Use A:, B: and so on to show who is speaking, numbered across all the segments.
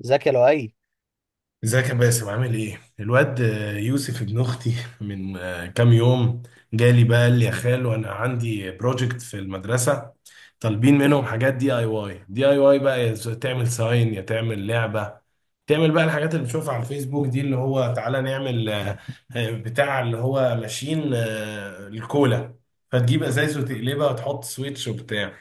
A: زكي لؤي.
B: ازيك يا باسم؟ عامل ايه؟ الواد يوسف ابن اختي من كام يوم جالي، بقى قال لي يا خالو انا عندي بروجكت في المدرسة، طالبين منهم حاجات دي اي واي بقى تعمل ساين يا تعمل لعبة، تعمل بقى الحاجات اللي بتشوفها على الفيسبوك دي، اللي هو تعالى نعمل بتاع اللي هو ماشين الكولا، فتجيب ازايز وتقلبها وتحط سويتش وبتاع.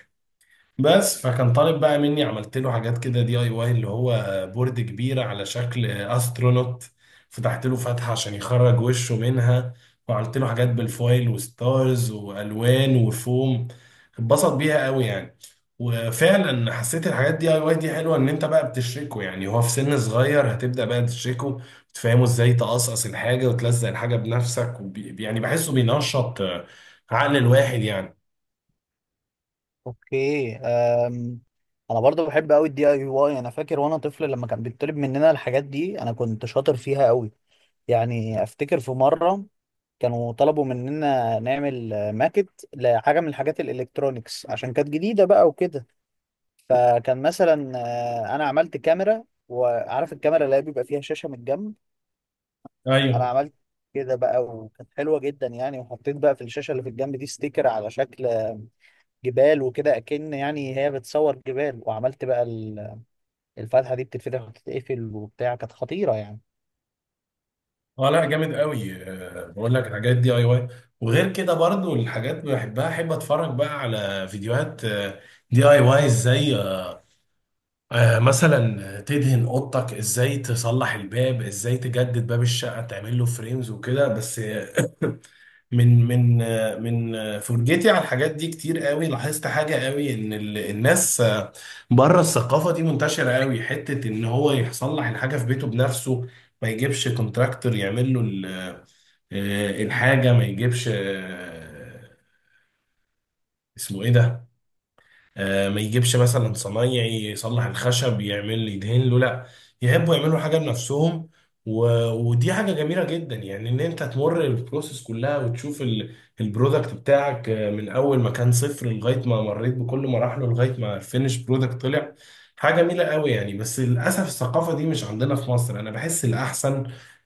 B: بس فكان طالب بقى مني، عملت له حاجات كده دي اي واي اللي هو بورد كبيرة على شكل استرونوت، فتحت له فتحة عشان يخرج وشه منها، وعملت له حاجات بالفويل وستارز والوان وفوم. اتبسط بيها قوي يعني. وفعلا حسيت الحاجات دي اي واي دي حلوه، ان انت بقى بتشركه، يعني هو في سن صغير هتبدا بقى تشركه، تفهمه ازاي تقصقص الحاجه وتلزق الحاجه بنفسك، يعني بحسه بينشط عقل الواحد يعني.
A: اوكي انا برضو بحب قوي الدي اي واي. انا فاكر وانا طفل لما كان بيطلب مننا الحاجات دي انا كنت شاطر فيها قوي. يعني افتكر في مره كانوا طلبوا مننا نعمل ماكت لحاجه من الحاجات الالكترونيكس عشان كانت جديده بقى وكده. فكان مثلا انا عملت كاميرا، وعارف الكاميرا اللي هي بيبقى فيها شاشه من الجنب. انا
B: ايوه.
A: عملت كده بقى وكانت حلوه جدا يعني، وحطيت بقى في الشاشه اللي في الجنب دي ستيكر على شكل جبال وكده، اكن يعني هي بتصور جبال. وعملت بقى الفتحه دي بتتفتح وتتقفل وبتاع، كانت خطيره يعني.
B: اه، لا جامد قوي. بقول لك الحاجات دي اي واي، وغير كده برضو الحاجات بحبها، احب اتفرج بقى على فيديوهات دي اي واي ازاي، مثلا تدهن اوضتك، ازاي تصلح الباب، ازاي تجدد باب الشقه تعمل له فريمز وكده. بس من فرجتي على الحاجات دي كتير قوي، لاحظت حاجه قوي، ان الناس بره الثقافه دي منتشره قوي، حته ان هو يصلح الحاجه في بيته بنفسه، ما يجيبش كونتراكتور يعمل له الحاجة، ما يجيبش اسمه ايه ده، ما يجيبش مثلا صنايعي يصلح الخشب، يعمل يدهن له، لا يحبوا يعملوا حاجه بنفسهم. و... ودي حاجه جميله جدا يعني، ان انت تمر البروسيس كلها وتشوف البرودكت بتاعك من اول ما كان صفر لغايه ما مريت بكل مراحله لغايه ما الفينش برودكت طلع. حاجه جميله قوي يعني. بس للاسف الثقافه دي مش عندنا في مصر. انا بحس الاحسن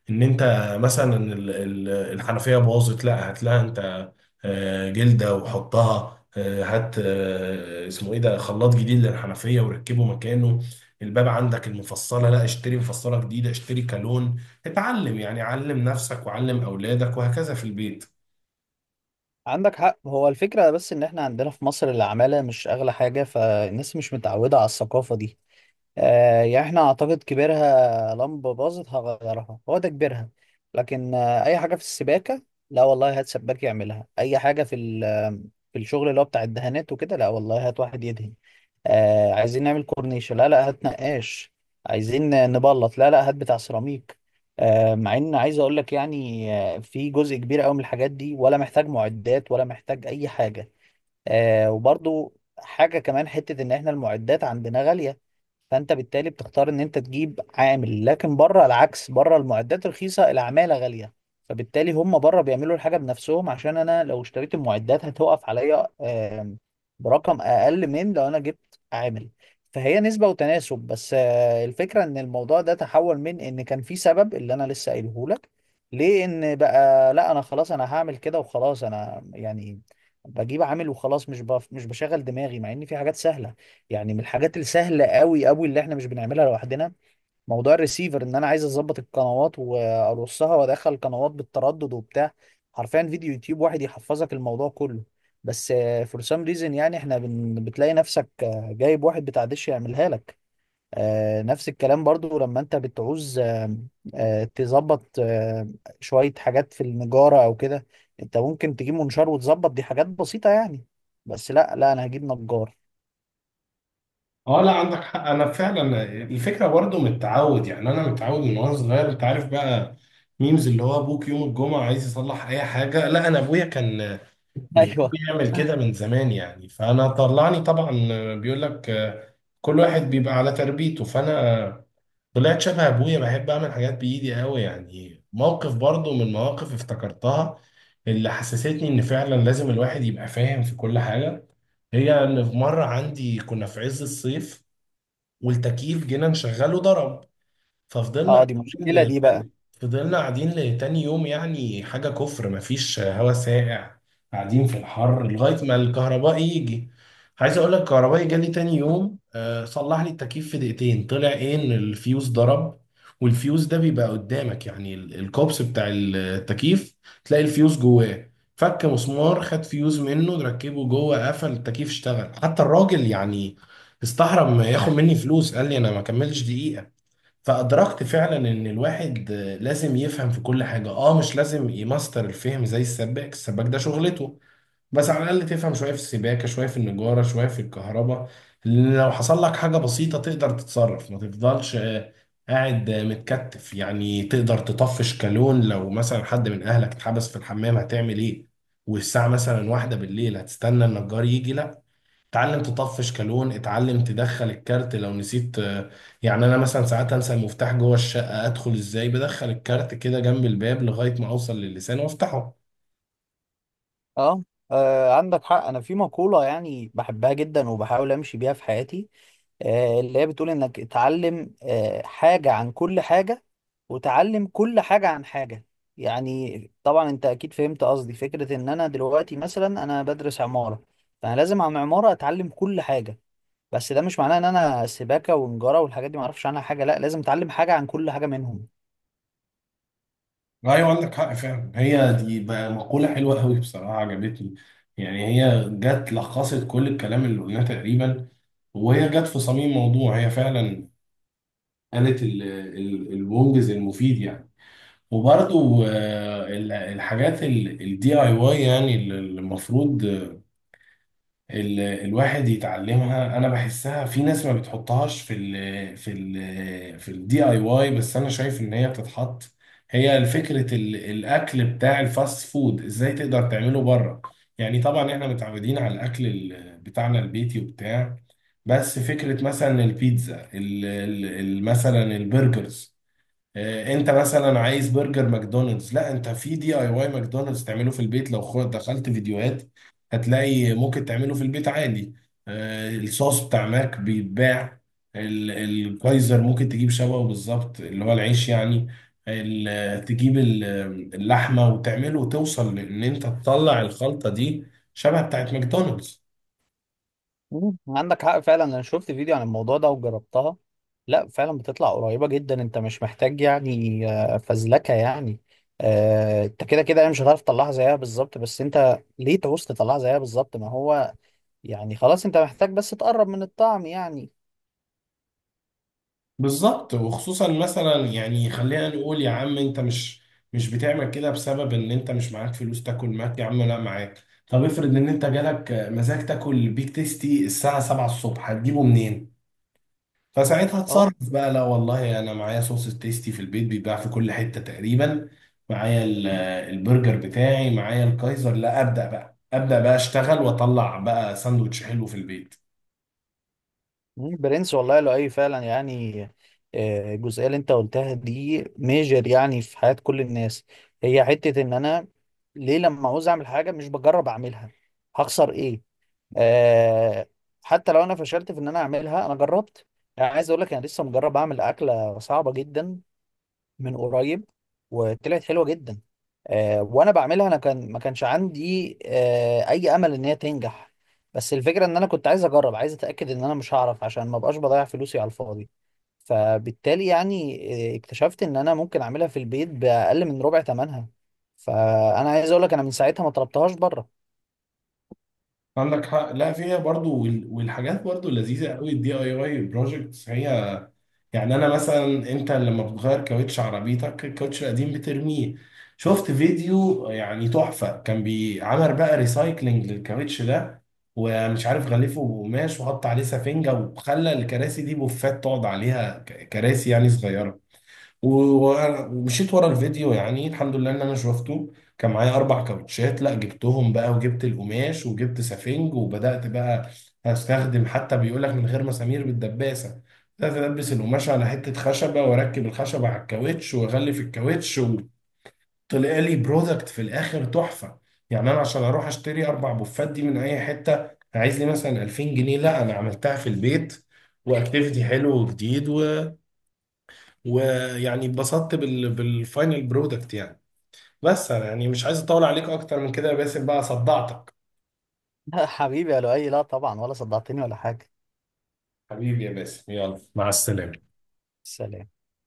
B: ان انت مثلا الحنفيه باظت، لا هات لها انت جلده وحطها، هات اسمه ايه ده، خلاط جديد للحنفيه وركبه مكانه. الباب عندك المفصله، لا اشتري مفصله جديده، اشتري كالون، اتعلم يعني، علم نفسك وعلم اولادك وهكذا في البيت.
A: عندك حق، هو الفكره بس ان احنا عندنا في مصر العماله مش اغلى حاجه، فالناس مش متعوده على الثقافه دي. يعني احنا اعتقد كبيرها لمبة باظت هغيرها، هو ده كبيرها. لكن اي حاجة في السباكة، لا والله هات سباك يعملها. اي حاجة في في الشغل اللي هو بتاع الدهانات وكده، لا والله هات واحد يدهن. عايزين نعمل كورنيشة، لا لا هات نقاش. عايزين نبلط، لا لا هات بتاع سيراميك. مع ان عايز اقول لك يعني في جزء كبير قوي من الحاجات دي ولا محتاج معدات ولا محتاج اي حاجة. وبرضو حاجة كمان، حتة ان احنا المعدات عندنا غالية، فانت بالتالي بتختار ان انت تجيب عامل. لكن بره العكس، بره المعدات رخيصه العماله غاليه، فبالتالي هم بره بيعملوا الحاجه بنفسهم، عشان انا لو اشتريت المعدات هتوقف عليا برقم اقل من لو انا جبت عامل. فهي نسبه وتناسب. بس الفكره ان الموضوع ده تحول من ان كان في سبب اللي انا لسه قايله لك، لان بقى لا انا خلاص انا هعمل كده وخلاص، انا يعني بجيب عامل وخلاص، مش بشغل دماغي، مع ان في حاجات سهله. يعني من الحاجات السهلة قوي قوي اللي احنا مش بنعملها لوحدنا، موضوع الريسيفر. ان انا عايز اظبط القنوات وارصها وادخل القنوات بالتردد وبتاع، حرفيا فيديو يوتيوب واحد يحفظك الموضوع كله. بس فور سام ريزن، يعني بتلاقي نفسك جايب واحد بتاع دش يعملها لك. نفس الكلام برضو لما انت بتعوز تظبط شوية حاجات في النجارة او كده. انت ممكن تجيب منشار وتظبط، دي حاجات بسيطة يعني. بس لا لا انا هجيب نجار.
B: اه لا عندك حق، انا فعلا الفكره برضو من التعود، يعني انا متعود من وانا صغير، انت عارف بقى ميمز اللي هو ابوك يوم الجمعه عايز يصلح اي حاجه، لا انا ابويا كان بيحب
A: ايوه.
B: يعمل كده من زمان يعني، فانا طلعني طبعا. بيقول لك كل واحد بيبقى على تربيته، فانا طلعت شبه ابويا، بحب اعمل حاجات بايدي قوي يعني. موقف برضو من مواقف افتكرتها، اللي حسستني ان فعلا لازم الواحد يبقى فاهم في كل حاجة، هي ان في مرة عندي كنا في عز الصيف والتكييف جينا نشغله ضرب، ففضلنا
A: اه، دي
B: قاعدين
A: مشكلة دي
B: لتاني
A: بقى.
B: فضلنا قاعدين لتاني يوم، يعني حاجة كفر، مفيش هوا ساقع، قاعدين في الحر لغاية ما الكهرباء يجي. عايز اقول لك الكهربائي جالي تاني يوم صلح لي التكييف في دقيقتين، طلع ايه ان الفيوز ضرب، والفيوز ده بيبقى قدامك يعني الكوبس بتاع التكييف، تلاقي الفيوز جواه، فك مسمار، خد فيوز منه، ركبه جوه، قفل التكييف اشتغل. حتى الراجل يعني استحرم ياخد مني فلوس، قال لي انا ما كملش دقيقة. فأدركت فعلا إن الواحد لازم يفهم في كل حاجة. مش لازم يماستر الفهم زي السباك ده شغلته، بس على الأقل تفهم شوية في السباكة، شوية في النجارة، شوية في الكهرباء، لأن لو حصل لك حاجة بسيطة تقدر تتصرف، ما تفضلش قاعد متكتف يعني. تقدر تطفش كالون لو مثلا حد من أهلك اتحبس في الحمام، هتعمل إيه والساعة مثلا واحدة بالليل؟ هتستنى النجار يجي؟ لا، اتعلم تطفش كالون، اتعلم تدخل الكارت لو نسيت يعني انا مثلا ساعات انسى المفتاح جوه الشقه، ادخل ازاي؟ بدخل الكارت كده جنب الباب لغايه ما اوصل للسان وافتحه.
A: اه، عندك حق. انا في مقولة يعني بحبها جدا وبحاول امشي بيها في حياتي، اللي هي بتقول انك اتعلم حاجة عن كل حاجة، وتعلم كل حاجة عن حاجة. يعني طبعا انت اكيد فهمت قصدي. فكرة ان انا دلوقتي مثلا انا بدرس عمارة، فانا لازم عن عمارة اتعلم كل حاجة. بس ده مش معناه ان انا سباكة ونجارة والحاجات دي معرفش عنها حاجة، لا لازم اتعلم حاجة عن كل حاجة منهم.
B: ايوه عندك حق فعلا، هي دي بقى مقوله حلوه قوي بصراحه، عجبتني. يعني هي جت لخصت كل الكلام اللي قلناه تقريبا، وهي جت في صميم موضوع. هي فعلا قالت المنجز المفيد يعني. وبرضو الحاجات الدي اي واي يعني، اللي المفروض الواحد يتعلمها، انا بحسها في ناس ما بتحطهاش في الدي اي واي، بس انا شايف ان هي بتتحط. هي فكرة الاكل بتاع الفاست فود ازاي تقدر تعمله بره. يعني طبعا احنا متعودين على الاكل بتاعنا البيتي وبتاع، بس فكرة مثلا البيتزا، مثلا البرجرز، انت مثلا عايز برجر ماكدونالدز، لا انت في دي اي واي ماكدونالدز تعمله في البيت. لو دخلت فيديوهات هتلاقي ممكن تعمله في البيت عادي. الصوص بتاع ماك بيتباع، الكايزر ممكن تجيب شبهه بالظبط، اللي هو العيش يعني، تجيب اللحمة وتعمله، وتوصل لان انت تطلع الخلطة دي شبه بتاعت ماكدونالدز
A: مم، عندك حق فعلا. انا شفت فيديو عن الموضوع ده وجربتها، لا فعلا بتطلع قريبة جدا. انت مش محتاج يعني فزلكة يعني. انت كده كده يعني مش هتعرف تطلعها زيها بالظبط، بس انت ليه تعوز تطلعها زيها بالظبط؟ ما هو يعني خلاص انت محتاج بس تقرب من الطعم يعني.
B: بالظبط. وخصوصا مثلا يعني، خلينا نقول يا عم انت مش بتعمل كده بسبب ان انت مش معاك فلوس تاكل ماك، يا عم لا معاك. طب افرض ان انت جالك مزاج تاكل بيك تيستي الساعة 7 الصبح، هتجيبه منين؟ فساعتها
A: اه.
B: اتصرف بقى، لا والله انا معايا صوص التيستي، في البيت بيتباع في كل حتة تقريبا، معايا البرجر بتاعي، معايا الكايزر، لا ابدأ بقى، ابدأ بقى اشتغل واطلع بقى ساندوتش حلو في البيت.
A: مم، برنس والله، لو اي فعلا يعني، الجزئية اللي انت قلتها دي ميجر يعني في حياة كل الناس. هي حتة ان انا ليه لما عاوز اعمل حاجة مش بجرب اعملها؟ هخسر ايه؟ آه حتى لو انا فشلت في ان انا اعملها انا جربت. يعني عايز اقول لك انا لسه مجرب اعمل اكله صعبه جدا من قريب، وطلعت حلوه جدا. وانا بعملها انا كان ما كانش عندي اي امل ان هي تنجح، بس الفكره ان انا كنت عايز اجرب، عايز اتاكد ان انا مش هعرف عشان ما بقاش بضيع فلوسي على الفاضي. فبالتالي يعني اكتشفت ان انا ممكن اعملها في البيت باقل من ربع ثمنها. فانا عايز اقول لك انا من ساعتها ما طلبتهاش بره.
B: عندك حق، لا فيها برضو، والحاجات برضو لذيذه قوي الدي اي اي بروجكتس هي. يعني انا مثلا انت لما بتغير كاوتش عربيتك، الكاوتش القديم بترميه. شفت فيديو يعني تحفه، كان بيعمل بقى ريسايكلينج للكاوتش ده، ومش عارف غلفه بقماش وحط عليه سفنجه وخلى الكراسي دي بوفات تقعد عليها، كراسي يعني صغيره. ومشيت ورا الفيديو، يعني الحمد لله ان انا شفته، كان معايا اربع كاوتشات، لا جبتهم بقى وجبت القماش وجبت سفنج وبدات بقى استخدم، حتى بيقول لك من غير مسامير، بالدباسه. بدات البس القماش على حته خشبه واركب الخشبه على الكاوتش واغلف الكاوتش، وطلع لي برودكت في الاخر تحفه. يعني انا عشان اروح اشتري اربع بوفات دي من اي حته عايز لي مثلا 2000 جنيه، لا انا عملتها في البيت، واكتيفيتي حلو وجديد، ويعني اتبسطت بالفاينل برودكت يعني. بس انا يعني مش عايز اطول عليك اكتر من كده يا باسم، بقى صدعتك.
A: حبيبي يا لؤي، لا طبعا ولا صدعتني ولا حاجه.
B: حبيبي يا باسم، يلا مع السلامة.
A: سلام.